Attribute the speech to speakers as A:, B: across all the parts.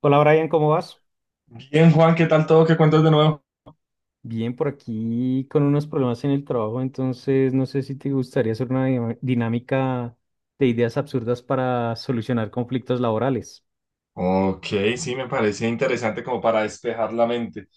A: Hola Brian, ¿cómo vas?
B: Bien, Juan, ¿qué tal todo? ¿Qué cuentas de nuevo?
A: Bien, por aquí con unos problemas en el trabajo, entonces no sé si te gustaría hacer una dinámica de ideas absurdas para solucionar conflictos laborales.
B: Ok, sí, me parecía interesante como para despejar la mente.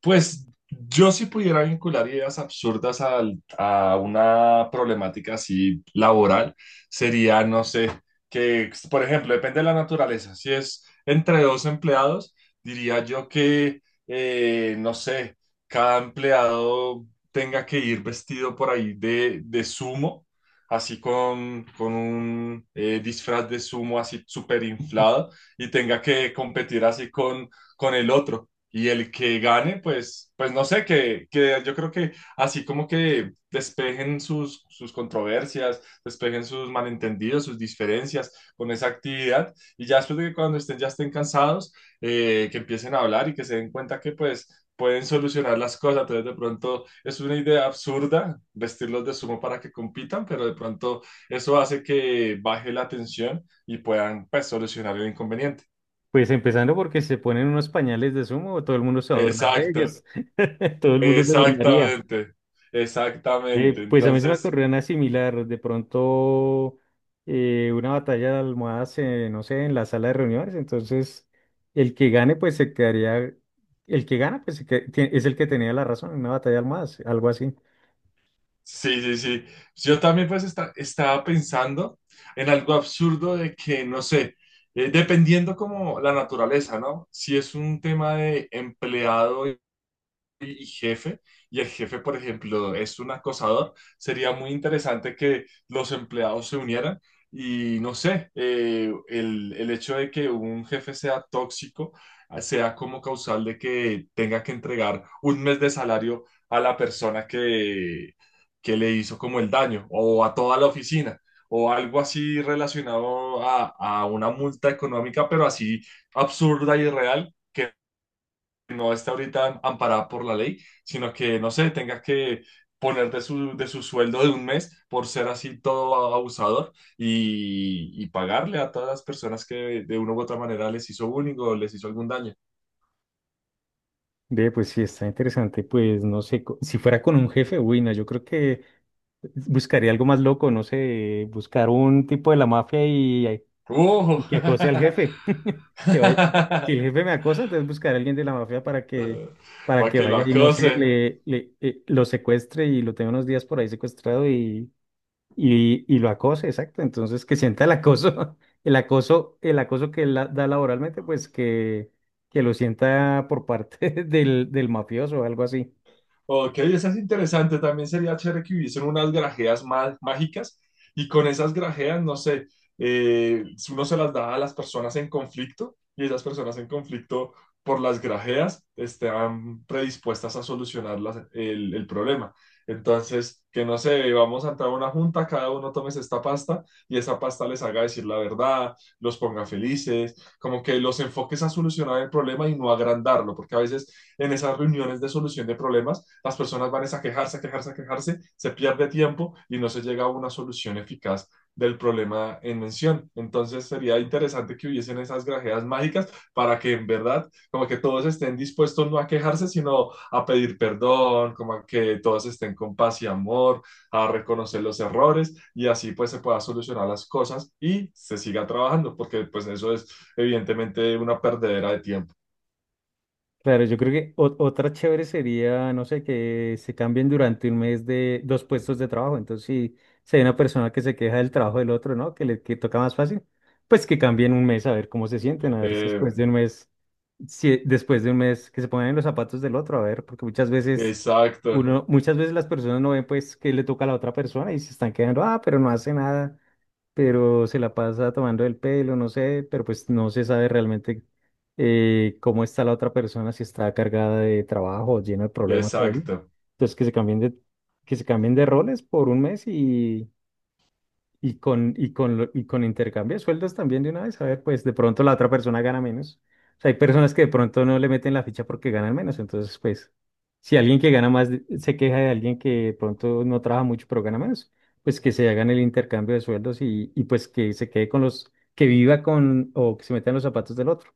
B: Pues yo si pudiera vincular ideas absurdas a una problemática así laboral, sería, no sé, que, por ejemplo, depende de la naturaleza. Si es entre dos empleados, diría yo que, no sé, cada empleado tenga que ir vestido por ahí de sumo, así con un disfraz de sumo así súper inflado y tenga que competir así con el otro. Y el que gane, pues, pues no sé, que yo creo que así como que despejen sus controversias, despejen sus malentendidos, sus diferencias con esa actividad y ya después de que cuando estén, ya estén cansados, que empiecen a hablar y que se den cuenta que pues pueden solucionar las cosas. Entonces, de pronto es una idea absurda vestirlos de sumo para que compitan, pero de pronto eso hace que baje la tensión y puedan pues, solucionar el inconveniente.
A: Pues empezando porque si se ponen unos pañales de sumo, todo el mundo se va a burlar de
B: Exacto,
A: ellos. Todo el mundo se burlaría.
B: exactamente, exactamente.
A: Pues a mí se me
B: Entonces,
A: ocurrió una similar, de pronto una batalla de almohadas, no sé, en la sala de reuniones, entonces el que gane pues se quedaría, el que gana pues es el que tenía la razón, una batalla de almohadas, algo así.
B: sí, sí, sí. Yo también pues estaba pensando en algo absurdo de que, no sé, dependiendo como la naturaleza, ¿no? Si es un tema de empleado y jefe, y el jefe, por ejemplo, es un acosador, sería muy interesante que los empleados se unieran y no sé, el hecho de que un jefe sea tóxico ah, sea como causal de que tenga que entregar un mes de salario a la persona que le hizo como el daño o a toda la oficina. O algo así relacionado a una multa económica, pero así absurda y real que no esté ahorita amparada por la ley, sino que, no sé, tenga que poner de de su sueldo de un mes por ser así todo abusador y pagarle a todas las personas que de una u otra manera les hizo bullying o les hizo algún daño.
A: Ve, pues sí, está interesante, pues no sé, si fuera con un jefe, uy, no, yo creo que buscaría algo más loco, no sé, buscar un tipo de la mafia. Y
B: ¡Uh!
A: que acose al jefe. Que vaya. Si el jefe me acosa, entonces buscaré a alguien de la mafia para
B: Para
A: que
B: que lo
A: vaya y no sé,
B: acose.
A: lo secuestre y lo tenga unos días por ahí secuestrado y y lo acose, exacto. Entonces que sienta el acoso, el acoso que da laboralmente, que lo sienta por parte del mafioso o algo así.
B: Ok, esa es interesante. También sería chévere que hubiesen unas grajeas mágicas y con esas grajeas, no sé, eh, uno se las da a las personas en conflicto y esas personas en conflicto por las grajeas están predispuestas a solucionar el problema. Entonces, que no sé, vamos a entrar a una junta, cada uno tomes esta pasta y esa pasta les haga decir la verdad, los ponga felices, como que los enfoques a solucionar el problema y no agrandarlo, porque a veces en esas reuniones de solución de problemas, las personas van a quejarse, a quejarse, a quejarse, se pierde tiempo y no se llega a una solución eficaz del problema en mención. Entonces sería interesante que hubiesen esas grajeas mágicas para que en verdad como que todos estén dispuestos no a quejarse, sino a pedir perdón, como a que todos estén con paz y amor, a reconocer los errores y así pues se pueda solucionar las cosas y se siga trabajando, porque pues eso es evidentemente una perdedera de tiempo.
A: Claro, yo creo que otra chévere sería, no sé, que se cambien durante un mes de dos puestos de trabajo. Entonces, si hay una persona que se queja del trabajo del otro, ¿no? Que le que toca más fácil, pues que cambien un mes a ver cómo se sienten, a ver si después
B: Eh,
A: de un mes, si después de un mes que se pongan en los zapatos del otro, a ver, porque muchas
B: exacto.
A: muchas veces las personas no ven pues que le toca a la otra persona y se están quedando, ah, pero no hace nada, pero se la pasa tomando el pelo, no sé, pero pues no se sabe realmente cómo está la otra persona, si está cargada de trabajo, llena de problemas ahí.
B: Exacto.
A: Entonces que se cambien de roles por un mes y con intercambio de sueldos también de una vez, a ver, pues de pronto la otra persona gana menos. O sea, hay personas que de pronto no le meten la ficha porque ganan menos, entonces pues si alguien que gana más se queja de alguien que de pronto no trabaja mucho pero gana menos, pues que se hagan el intercambio de sueldos y y pues que se quede con los, que viva con o que se meta en los zapatos del otro.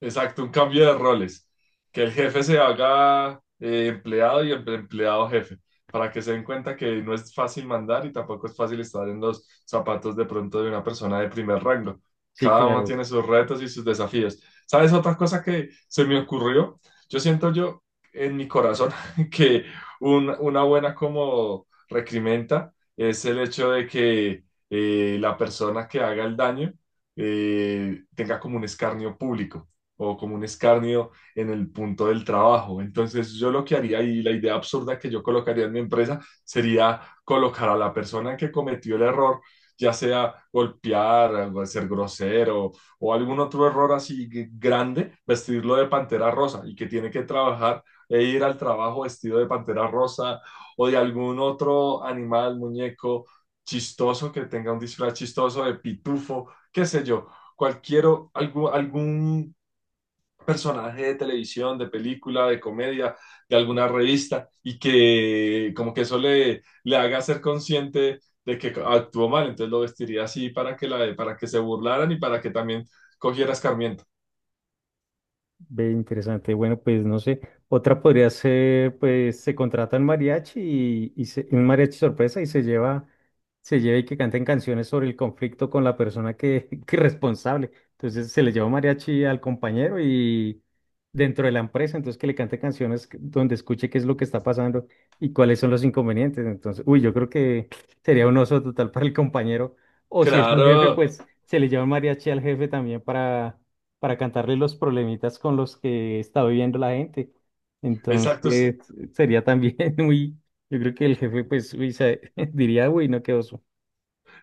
B: Exacto, un cambio de roles. Que el jefe se haga empleado y el empleado jefe, para que se den cuenta que no es fácil mandar y tampoco es fácil estar en los zapatos de pronto de una persona de primer rango.
A: Sí,
B: Cada uno
A: claro.
B: tiene sus retos y sus desafíos. ¿Sabes otra cosa que se me ocurrió? Yo siento yo en mi corazón que una buena como recrimenta es el hecho de que la persona que haga el daño tenga como un escarnio público o como un escarnio en el punto del trabajo. Entonces yo lo que haría y la idea absurda que yo colocaría en mi empresa sería colocar a la persona que cometió el error, ya sea golpear, o ser grosero o algún otro error así grande, vestirlo de pantera rosa y que tiene que trabajar e ir al trabajo vestido de pantera rosa o de algún otro animal, muñeco chistoso que tenga un disfraz chistoso de pitufo, qué sé yo, cualquier algún personaje de televisión, de película, de comedia, de alguna revista, y que como que eso le haga ser consciente de que actuó mal, entonces lo vestiría así para que, la, para que se burlaran y para que también cogiera escarmiento.
A: Ve, interesante. Bueno, pues no sé. Otra podría ser, pues se contrata un mariachi y un mariachi sorpresa y se lleva y que canten canciones sobre el conflicto con la persona que, que es responsable. Entonces se le lleva un mariachi al compañero y dentro de la empresa, entonces que le cante canciones donde escuche qué es lo que está pasando y cuáles son los inconvenientes. Entonces, uy, yo creo que sería un oso total para el compañero. O si es un jefe,
B: Claro,
A: pues se le lleva un mariachi al jefe también para cantarle los problemitas con los que está viviendo la gente.
B: exacto.
A: Entonces, sería también muy, yo creo que el jefe, pues, uy, diría, uy, no, qué oso.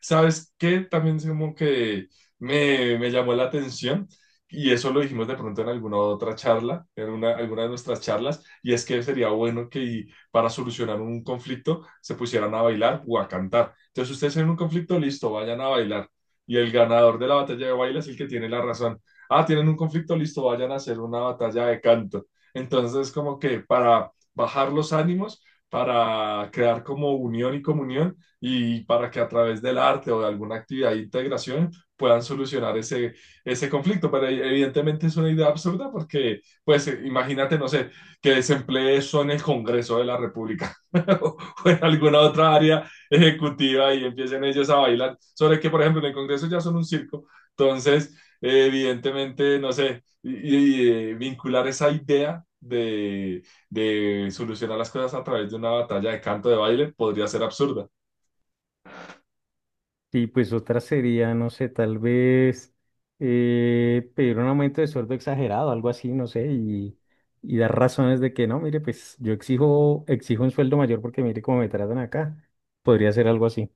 B: ¿Sabes qué? También es como que me llamó la atención y eso lo dijimos de pronto en alguna otra charla, en una, alguna de nuestras charlas, y es que sería bueno que para solucionar un conflicto se pusieran a bailar o a cantar. Entonces ustedes tienen un conflicto, listo, vayan a bailar. Y el ganador de la batalla de baile es el que tiene la razón. Ah, tienen un conflicto, listo, vayan a hacer una batalla de canto. Entonces, como que para bajar los ánimos, para crear como unión y comunión, y para que a través del arte o de alguna actividad de integración puedan solucionar ese, ese conflicto. Pero e, evidentemente es una idea absurda porque, pues, imagínate, no sé, que desemplee eso en el Congreso de la República o en alguna otra área ejecutiva y empiecen ellos a bailar. Sobre que, por ejemplo, en el Congreso ya son un circo. Entonces, evidentemente, no sé, y, vincular esa idea de solucionar las cosas a través de una batalla de canto de baile podría ser absurda.
A: Y pues otra sería, no sé, tal vez pedir un aumento de sueldo exagerado, algo así, no sé, y dar razones de que no, mire, pues yo exijo un sueldo mayor porque mire cómo me tratan acá. Podría ser algo así.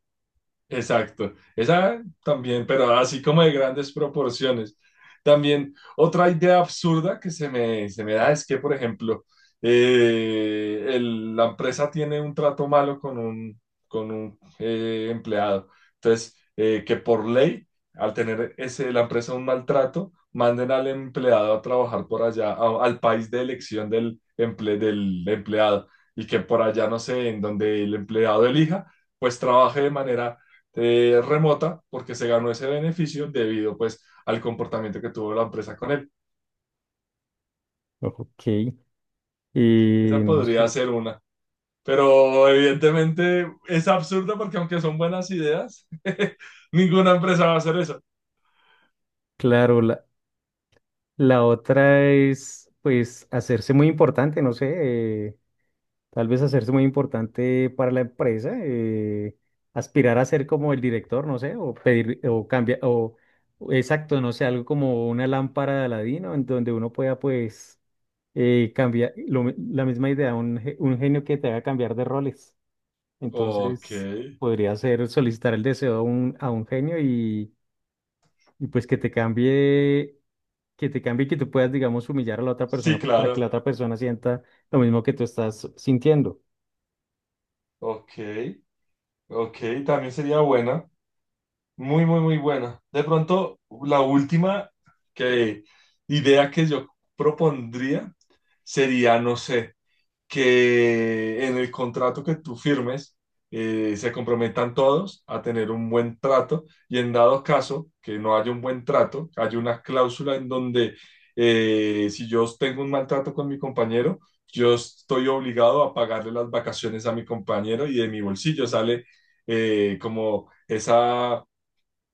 B: Exacto, esa también, pero así como de grandes proporciones. También otra idea absurda que se me da es que, por ejemplo, la empresa tiene un trato malo con un empleado. Entonces, que por ley, al tener ese, la empresa un maltrato, manden al empleado a trabajar por allá, al país de elección del, del empleado, y que por allá, no sé, en donde el empleado elija, pues trabaje de manera remota porque se ganó ese beneficio debido pues al comportamiento que tuvo la empresa con él.
A: Ok. Y
B: Esa
A: no
B: podría
A: sé.
B: ser una. Pero evidentemente es absurda porque aunque son buenas ideas, ninguna empresa va a hacer eso.
A: Claro, la otra es, pues, hacerse muy importante, no sé, eh, tal vez hacerse muy importante para la empresa, aspirar a ser como el director, no sé, o pedir, o cambiar, o exacto, no sé, algo como una lámpara de Aladino, en donde uno pueda, pues, cambiar, la misma idea, un genio que te haga cambiar de roles.
B: Ok,
A: Entonces, podría ser solicitar el deseo a a un genio y pues que te cambie y que tú puedas, digamos, humillar a la otra
B: sí,
A: persona pues, para que la
B: claro.
A: otra persona sienta lo mismo que tú estás sintiendo.
B: Ok, ok, también sería buena. Muy, muy, muy buena. De pronto, la última que, idea que yo propondría sería, no sé, que en el contrato que tú firmes se comprometan todos a tener un buen trato y en dado caso que no haya un buen trato, hay una cláusula en donde si yo tengo un maltrato con mi compañero, yo estoy obligado a pagarle las vacaciones a mi compañero y de mi bolsillo sale como esa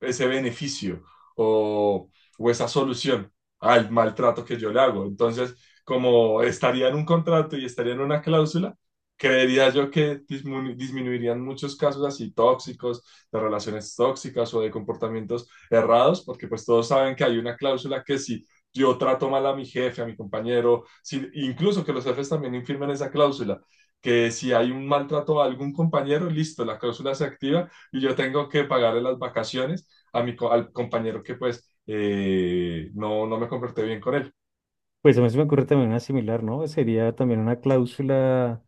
B: ese beneficio o, o esa solución al maltrato que yo le hago. Entonces, como estaría en un contrato y estaría en una cláusula, creería yo que disminuirían muchos casos así tóxicos, de relaciones tóxicas o de comportamientos errados, porque pues todos saben que hay una cláusula que si yo trato mal a mi jefe, a mi compañero, si, incluso que los jefes también infirmen esa cláusula, que si hay un maltrato a algún compañero, listo, la cláusula se activa y yo tengo que pagarle las vacaciones a mi, al compañero que pues no, no me comporté bien con él.
A: Pues a mí se me ocurre también una similar, ¿no? Sería también una cláusula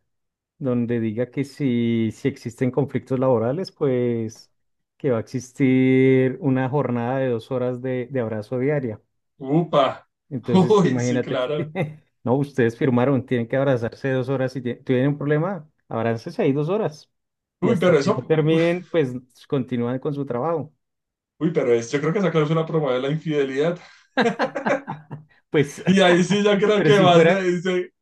A: donde diga que si existen conflictos laborales, pues que va a existir una jornada de 2 horas de abrazo diaria.
B: Upa,
A: Entonces,
B: uy, sí,
A: imagínate que,
B: claro.
A: no, ustedes firmaron, tienen que abrazarse 2 horas si tienen un problema, abrácense ahí 2 horas. Y
B: Uy,
A: hasta
B: pero
A: que no
B: eso,
A: terminen, pues continúan con su trabajo.
B: uy, pero es, yo creo que esa cláusula promueve la infidelidad.
A: Pues,
B: Y ahí sí, yo creo
A: pero
B: que
A: si
B: más
A: fuera,
B: le dice,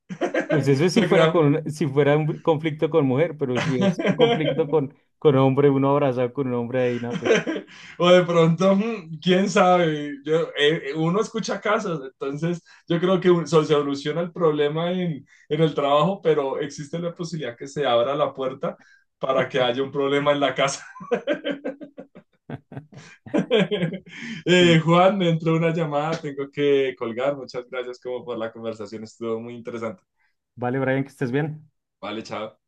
A: pues eso es si
B: se
A: fuera
B: crea.
A: si fuera un conflicto con mujer, pero si es un conflicto con hombre, uno abrazado con un hombre ahí, no, pues.
B: O de pronto, mm, quién sabe. Uno escucha casos, entonces yo creo que se soluciona el problema en el trabajo, pero existe la posibilidad que se abra la puerta para que haya un problema en la casa.
A: Sí.
B: Juan, me entró una llamada, tengo que colgar. Muchas gracias como por la conversación, estuvo muy interesante.
A: Vale, Brian, que estés bien.
B: Vale, chao.